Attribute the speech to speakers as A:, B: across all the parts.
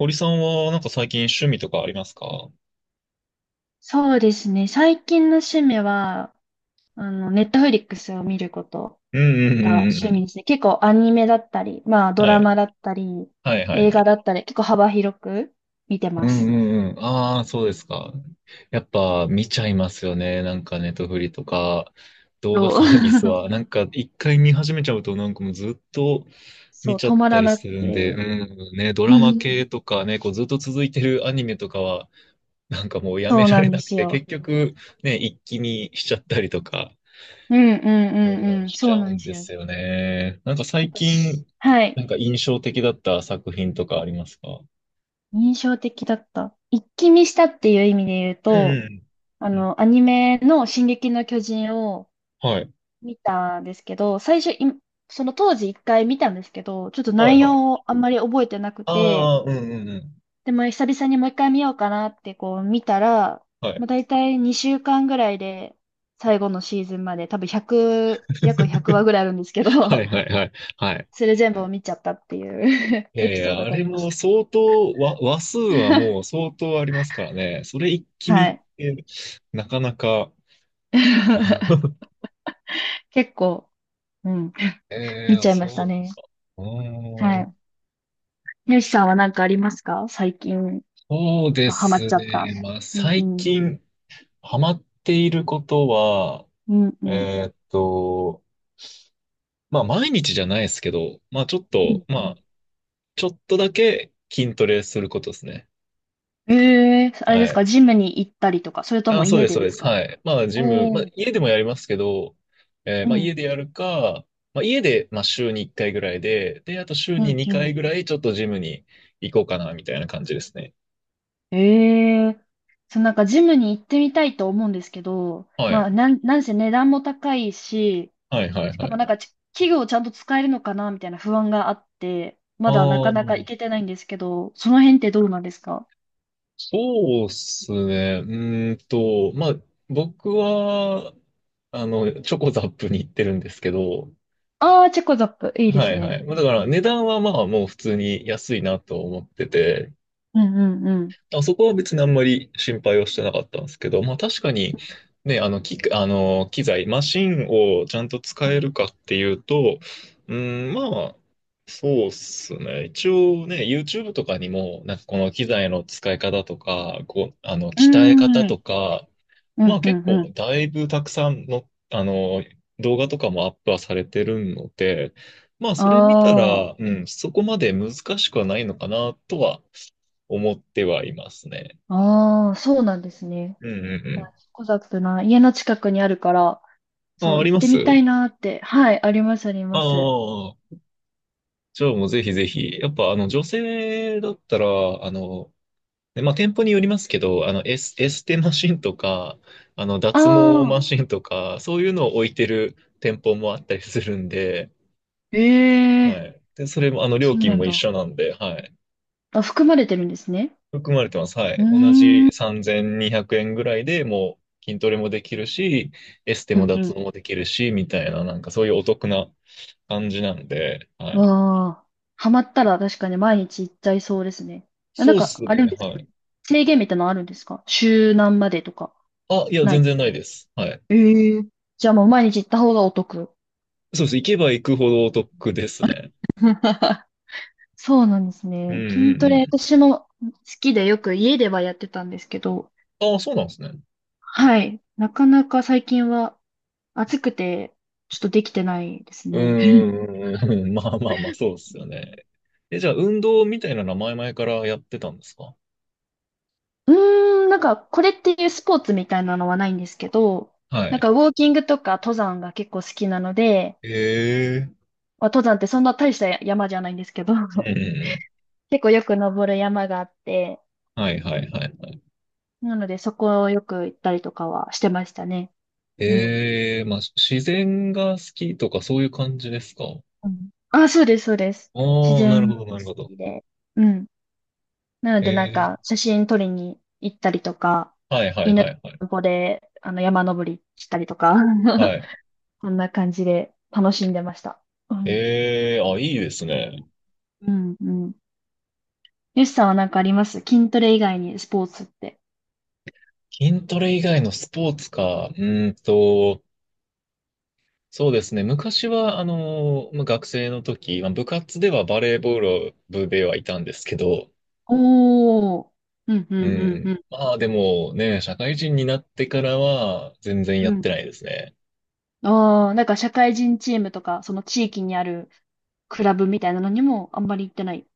A: 堀さんはなんか最近趣味とかありますか？
B: そうですね。最近の趣味は、ネットフリックスを見ること
A: うんうんう
B: が
A: んうんう
B: 趣味
A: ん。
B: ですね。結構アニメだったり、まあド
A: は
B: ラ
A: い。
B: マだったり、
A: はいはい
B: 映
A: は
B: 画
A: い。
B: だったり、結構幅広く見て
A: う
B: ま
A: ん
B: す。
A: うんうん。ああ、そうですか。やっぱ見ちゃいますよね。なんかネットフリとか動画
B: そう、
A: サービス は。なんか一回見始めちゃうとなんかもうずっと見
B: そう
A: ちゃ
B: 止
A: っ
B: ま
A: た
B: ら
A: り
B: な
A: す
B: く
A: るんで、
B: て。
A: うん、ね、ド
B: う
A: ラマ
B: ん、
A: 系とかね、こうずっと続いてるアニメとかはなんかもうやめ
B: そう
A: ら
B: な
A: れ
B: んで
A: なく
B: す
A: て、
B: よ。
A: 結局ね、一気見しちゃったりとか
B: うんうんう
A: う
B: ん
A: ん、
B: うん。
A: しち
B: そう
A: ゃ
B: な
A: う
B: ん
A: ん
B: です
A: で
B: よ。
A: すよね。なんか最
B: 私、
A: 近、
B: はい。
A: なんか印象的だった作品とかありますか？
B: 印象的だった。一気見したっていう意味で言う
A: うんうん
B: と、
A: うん。
B: アニメの「進撃の巨人」を
A: はい。
B: 見たんですけど、最初、いその当時一回見たんですけど、ちょっと
A: はい
B: 内
A: はい。
B: 容をあんまり覚えてなくて、
A: ああ、うんうんうん。
B: でも久々にもう一回見ようかなってこう見たら、
A: はい。
B: まあ、大体2週間ぐらいで最後のシーズンまで多分1約100 話ぐらいあるんですけど、
A: はいは いはい。はい。
B: それ全部を見ちゃったっていう
A: い や
B: エ
A: い
B: ピソー
A: や、
B: ド
A: あ
B: があ
A: れ
B: りま
A: も
B: す。
A: 相当、話数はもう 相当ありますからね。それ一気見
B: は
A: っ
B: い。
A: てなかなか。
B: 結構、うん、
A: え
B: 見
A: え
B: ちゃいました
A: そ
B: ね。
A: う。うー
B: は
A: ん、
B: い。よしさんは何かありますか、最近
A: そうで
B: ハマっ
A: す
B: ちゃった。
A: ね。まあ、
B: うんう
A: 最
B: ん。
A: 近ハマっていることは、
B: うんうん。
A: えーっと、まあ毎日じゃないですけど、
B: うん
A: ま
B: う
A: あ
B: ん、
A: ちょっとだけ筋トレすることですね。
B: ええ、あれ
A: は
B: ですか、
A: い。
B: ジムに行ったりとか、それとも
A: あ、そう
B: 家
A: です、
B: で
A: そう
B: で
A: で
B: す
A: す。
B: か？
A: はい。まあジム、ま
B: お
A: あ
B: おー、
A: 家でもやりますけど、
B: う
A: まあ家
B: ん、
A: でやるか、まあ家で、まあ週に1回ぐらいで、で、あと週
B: う
A: に
B: ん、う
A: 2
B: ん。
A: 回ぐらいちょっとジムに行こうかな、みたいな感じですね。
B: ええ、そう、なんかジムに行ってみたいと思うんですけど、
A: は
B: ま
A: い。
B: あ、なんせ値段も高いし、
A: はい、はい、
B: し
A: は
B: かも
A: い。
B: なんか器具をちゃんと使えるのかなみたいな不安があって、まだな
A: あ
B: か
A: あ、
B: なか行けてないんですけど、その辺ってどうなんですか？
A: そうっすね。まあ僕は、チョコザップに行ってるんですけど、
B: ああー、チェコザップ、いいで
A: は
B: す
A: いは
B: ね。
A: い。まあだか
B: う
A: ら
B: ん
A: 値段はまあもう普通に安いなと思ってて、
B: うんうんうん。
A: あそこは別にあんまり心配をしてなかったんですけど、まあ確かにね、あの機材、マシンをちゃんと使
B: う
A: え
B: ん、
A: るかっていうと、うん、まあ、そうっすね。一応ね、YouTube とかにも、なんかこの機材の使い方とか、こう、
B: うー
A: 鍛え方と
B: ん。
A: か、
B: う
A: まあ
B: んう
A: 結
B: ん
A: 構
B: うん。
A: だいぶたくさんの、動画とかもアップはされてるので、まあ
B: あ
A: それ見たら、
B: あ。
A: うん、そこまで難しくはないのかなとは思ってはいますね。
B: ああ、そうなんですね。
A: うんう
B: いや、
A: ん
B: コザップな、家の近くにあるから、
A: うん。
B: そ
A: あ、
B: う、
A: あ
B: 行
A: り
B: っ
A: ま
B: て
A: す。
B: みたいなーって。はい、あります、あります。
A: ああ、じゃあもうぜひぜひ。やっぱあの女性だったら、あの、ねまあ店舗によりますけど、エステマシンとか、あの
B: あ
A: 脱毛マ
B: あ、
A: シンとか、そういうのを置いてる店舗もあったりするんで、
B: え
A: は
B: えー、
A: い。で、それも、料
B: そう
A: 金
B: なん
A: も一
B: だ。
A: 緒なんで、はい。
B: あ、含まれてるんですね。
A: 含まれてます。は
B: うー
A: い。同
B: ん、
A: じ
B: う
A: 3200円ぐらいでもう筋トレもできるし、エステも
B: ん、う
A: 脱毛
B: ん。
A: もできるし、みたいな、なんかそういうお得な感じなんで、はい。
B: わあ、ハマったら確かに毎日行っちゃいそうですね。あ、
A: そ
B: な
A: う
B: ん
A: っ
B: か、
A: す
B: あ
A: ね、
B: れです
A: は
B: か、
A: い。
B: 制限みたいなのあるんですか、週何までとか。
A: あ、いや、
B: な
A: 全
B: い。
A: 然ないです。はい。
B: ええー。じゃあもう毎日行った方がお得？
A: そうです。行けば行くほどお得ですね。
B: そうなんです
A: うん
B: ね。筋ト
A: う
B: レ、
A: ん
B: 私も好きでよく家ではやってたんですけど、
A: うん。あ、そうなんですね。
B: はい。なかなか最近は暑くて、ちょっとできてないです
A: う
B: ね。
A: んうんうんうん。まあまあまあ、そうですよね。え、じゃあ、運動みたいなのは前々からやってたんですか？
B: うーん、なんか、これっていうスポーツみたいなのはないんですけど、
A: は
B: なん
A: い。
B: か、ウォーキングとか登山が結構好きなので、
A: ええ。
B: まあ、登山ってそんな大した山じゃないんですけど、
A: うんうん うん
B: 結構よく登る山があって、
A: はいはいはいはい。
B: なので、そこをよく行ったりとかはしてましたね。うん。
A: ええ、まあ、自然が好きとかそういう感じですか？あ
B: うん。あ、そうです、そうです。自
A: あ、なる
B: 然も
A: ほど、
B: 好
A: なるほど。
B: きで。うん。なの
A: え
B: で、なん
A: え、
B: か、写真撮りに行ったりとか、
A: はいはい
B: 犬の
A: はいはい。
B: 散歩で、山登りしたりとか、
A: は い。
B: こんな感じで楽しんでました。うん。
A: ええ、あ、いいですね。
B: うん、うん。よしさんはなんかあります、筋トレ以外にスポーツって？
A: 筋トレ以外のスポーツか。そうですね。昔は、まあ、学生の時、まあ、部活ではバレーボール部ではいたんですけど、
B: おー。うん、う
A: う
B: ん、うん、う
A: ん。
B: ん。
A: まあでもね、社会人になってからは全然や
B: う
A: っ
B: ん。
A: てないですね。
B: あー、なんか社会人チームとか、その地域にあるクラブみたいなのにもあんまり行ってない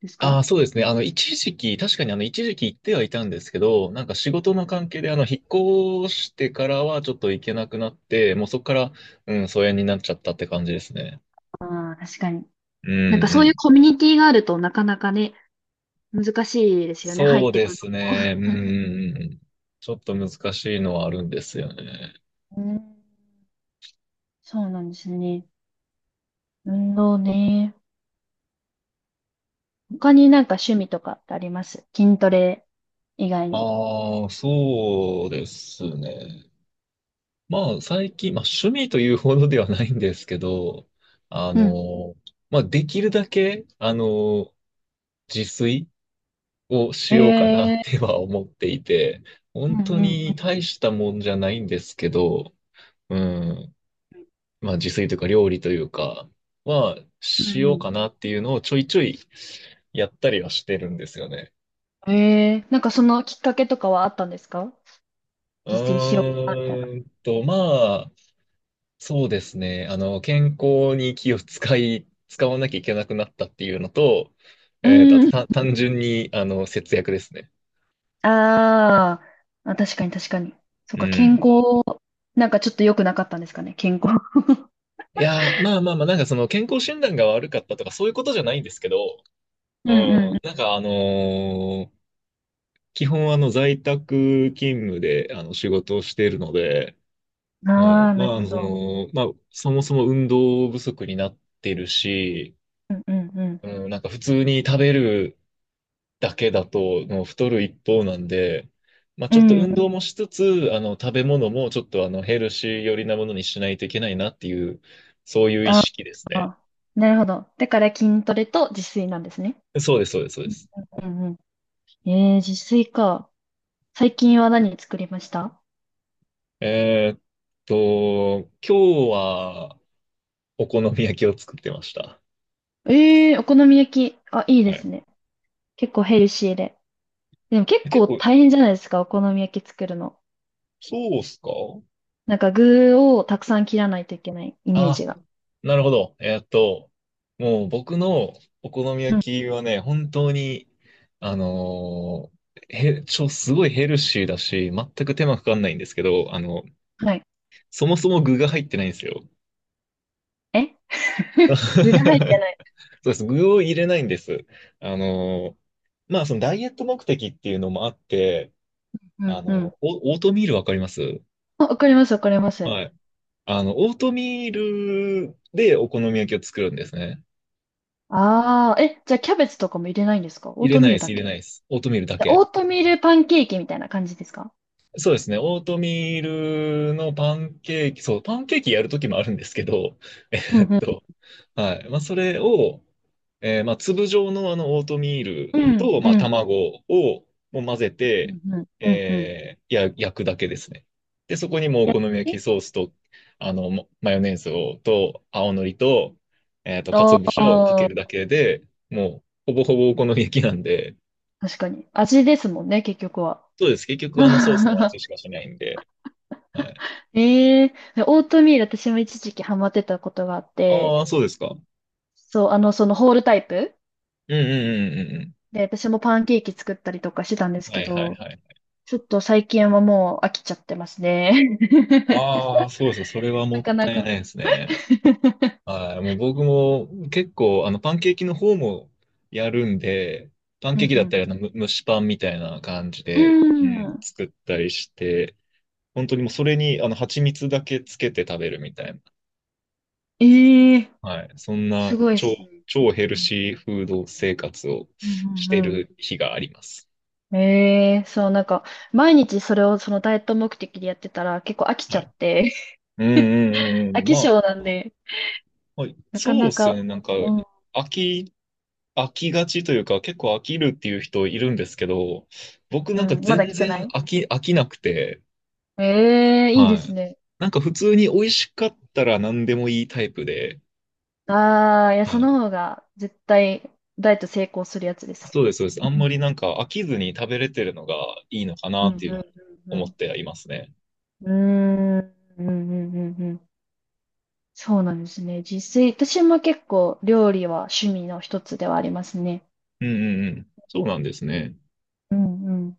B: です
A: あ
B: か？
A: あ、そうですね。一時期、確かに一時期行ってはいたんですけど、なんか仕事の関係で、引っ越してからはちょっと行けなくなって、もうそこから、うん、疎遠になっちゃったって感じですね。
B: ああー、確かに。
A: うん、
B: なんか
A: う
B: そういう
A: ん。
B: コミュニティがあるとなかなかね、難しいですよね、入っ
A: そう
B: て
A: で
B: くる
A: す
B: のも。
A: ね。うん、うんうん。ちょっと難しいのはあるんですよね。
B: うん、そうなんですね。運動ね。他になんか趣味とかってあります、筋トレ以外に？
A: ああ、そうですね。まあ、最近、まあ、趣味というほどではないんですけど、あ
B: うん。
A: の、まあ、できるだけ、自炊をしようかなっ
B: え
A: て
B: え
A: は思っていて、
B: ー、う
A: 本当
B: んうん。
A: に大したもんじゃないんですけど、うん、まあ自炊というか料理というかは
B: うん
A: し
B: う
A: よう
B: ん、
A: かなっていうのをちょいちょいやったりはしてるんですよね。
B: ええー、なんかそのきっかけとかはあったんですか、実践しよう
A: う
B: かなみたいな。
A: まあ、そうですね。健康に気を使い、使わなきゃいけなくなったっていうのと、
B: う
A: あ
B: ん。
A: とた単純に、節約ですね。
B: あーあ、確かに確かに。そ
A: う
B: っか、健
A: ん。
B: 康、なんかちょっと良くなかったんですかね、健康。
A: いやー、まあまあまあ、なんかその健康診断が悪かったとかそういうことじゃないんですけど、
B: う
A: う
B: んうんう
A: ん、なんか基本在宅勤務で仕事をしているので、
B: ん。
A: は
B: あ
A: い、
B: あ、
A: ま
B: なる
A: あ、
B: ほど。
A: まあ、そもそも運動不足になってるし、
B: うんうんうん。
A: うん、なんか普通に食べるだけだともう太る一方なんで、まあ
B: う
A: ちょっと
B: ん。
A: 運動もしつつ、食べ物もちょっとヘルシー寄りなものにしないといけないなっていう、そういう意
B: あ
A: 識ですね。
B: あ、なるほど。だから筋トレと自炊なんですね。
A: そうです、そうです、そうです。
B: うんうん。自炊か。最近は何作りました？
A: えーっ今日はお好み焼きを作ってました。
B: えー、お好み焼き。あ、いいで
A: はい。
B: すね。結構ヘルシーで。でも結
A: 結
B: 構
A: 構、
B: 大変じゃないですか、お好み焼き作るの。
A: そうっすか
B: なんか具をたくさん切らないといけないイメー
A: あ、
B: ジが。
A: なるほど。もう僕のお好み
B: う
A: 焼
B: ん。
A: きはね、本当に、あのーへ、ちょ、すごいヘルシーだし、全く手間かかんないんですけど、
B: はい。
A: そもそも具が入ってないんですよ。
B: え？
A: そ
B: 具が入ってない。
A: うです。具を入れないんです。あのーまあ、そのダイエット目的っていうのもあって、
B: うんうん。
A: オオートミールわかります
B: あ、わかります、わかります。
A: はい。オートミールでお好み焼きを作るんですね。
B: ああ、え、じゃあキャベツとかも入れないんですか、オー
A: 入れ
B: ト
A: な
B: ミ
A: い
B: ー
A: で
B: ル
A: す、
B: だ
A: 入れ
B: け？
A: ないです。オートミールだ
B: じゃあオ
A: け。
B: ートミールパンケーキみたいな感じですか？
A: そうですね。オートミールのパンケーキ、そう、パンケーキやるときもあるんですけど、え
B: うん
A: ーっ
B: うん。
A: と、はい。まあ、それを、まあ、粒状のオートミール
B: うん、
A: と、
B: う
A: まあ、
B: ん、
A: 卵をもう混ぜ
B: う
A: て、
B: ん、うん、うん、うん。
A: 焼くだけですね。で、そこにもうお
B: や、
A: 好み焼
B: え、
A: きソースと、もマヨネーズを、と、青のりと、
B: あ、
A: 鰹節をかけ
B: あ
A: るだ
B: ー、
A: けで、もう、ほぼほぼお好み焼きなんで、
B: 確かに。味ですもんね、結局は。
A: そうです。結局、あのソースの 味しかしないんで、はい。
B: ええー、オートミール私も一時期ハマってたことがあって、
A: ああ、そうですか。うん
B: そう、そのホールタイプ
A: うんうんうんう
B: で、私もパンケーキ作ったりとかしてたんです
A: ん。は
B: け
A: いはい
B: ど、
A: はい。
B: ちょっと最近はもう飽きちゃってますね。
A: ああ、そうですか。それは
B: な
A: もっ
B: かな
A: たいない
B: か。
A: ですね。はい。もう僕も結構、パンケーキの方もやるんで、パン
B: う
A: ケー
B: ん、
A: キ
B: う
A: だったり、
B: ん、
A: 蒸しパンみたいな感じ
B: う
A: で、う
B: ん。うー
A: ん、
B: ん。
A: 作ったりして、本当にもうそれに、蜂蜜だけつけて食べるみたいな。
B: ええー、
A: はい。そん
B: す
A: な
B: ごいですね。
A: 超ヘルシーフード生活を
B: う
A: し
B: んう
A: て
B: んう
A: る日があります。
B: ん。ええ、そう、なんか、毎日それをそのダイエット目的でやってたら結構飽きち
A: は
B: ゃ
A: い。
B: って、
A: うんうんう ん
B: 飽
A: うん。
B: き
A: ま
B: 性
A: あ、
B: なんで、
A: はい、
B: なか
A: そうっ
B: な
A: すよ
B: か、
A: ね。なんか、
B: うん、
A: 飽き、飽きがちというか、結構飽きるっていう人いるんですけど、僕
B: う
A: なんか
B: ん、まだ
A: 全
B: 来てな
A: 然
B: い。
A: 飽きなくて、
B: ええ、いいで
A: は
B: す
A: い。
B: ね。
A: なんか普通に美味しかったら何でもいいタイプで、
B: ああ、いや、そ
A: はい。
B: の方が絶対ダイエット成功するやつです。
A: そうです、そうです。あ ん
B: うん、
A: まりなんか飽きずに食べれてるのがいいのかな
B: うん、
A: ってい
B: う
A: う思っ
B: ん、
A: てはいますね。
B: うん。うーん、うん、うん、うんうん。そうなんですね。実際、私も結構料理は趣味の一つではありますね。
A: うんうんうん。そうなんですね。
B: うん、うん。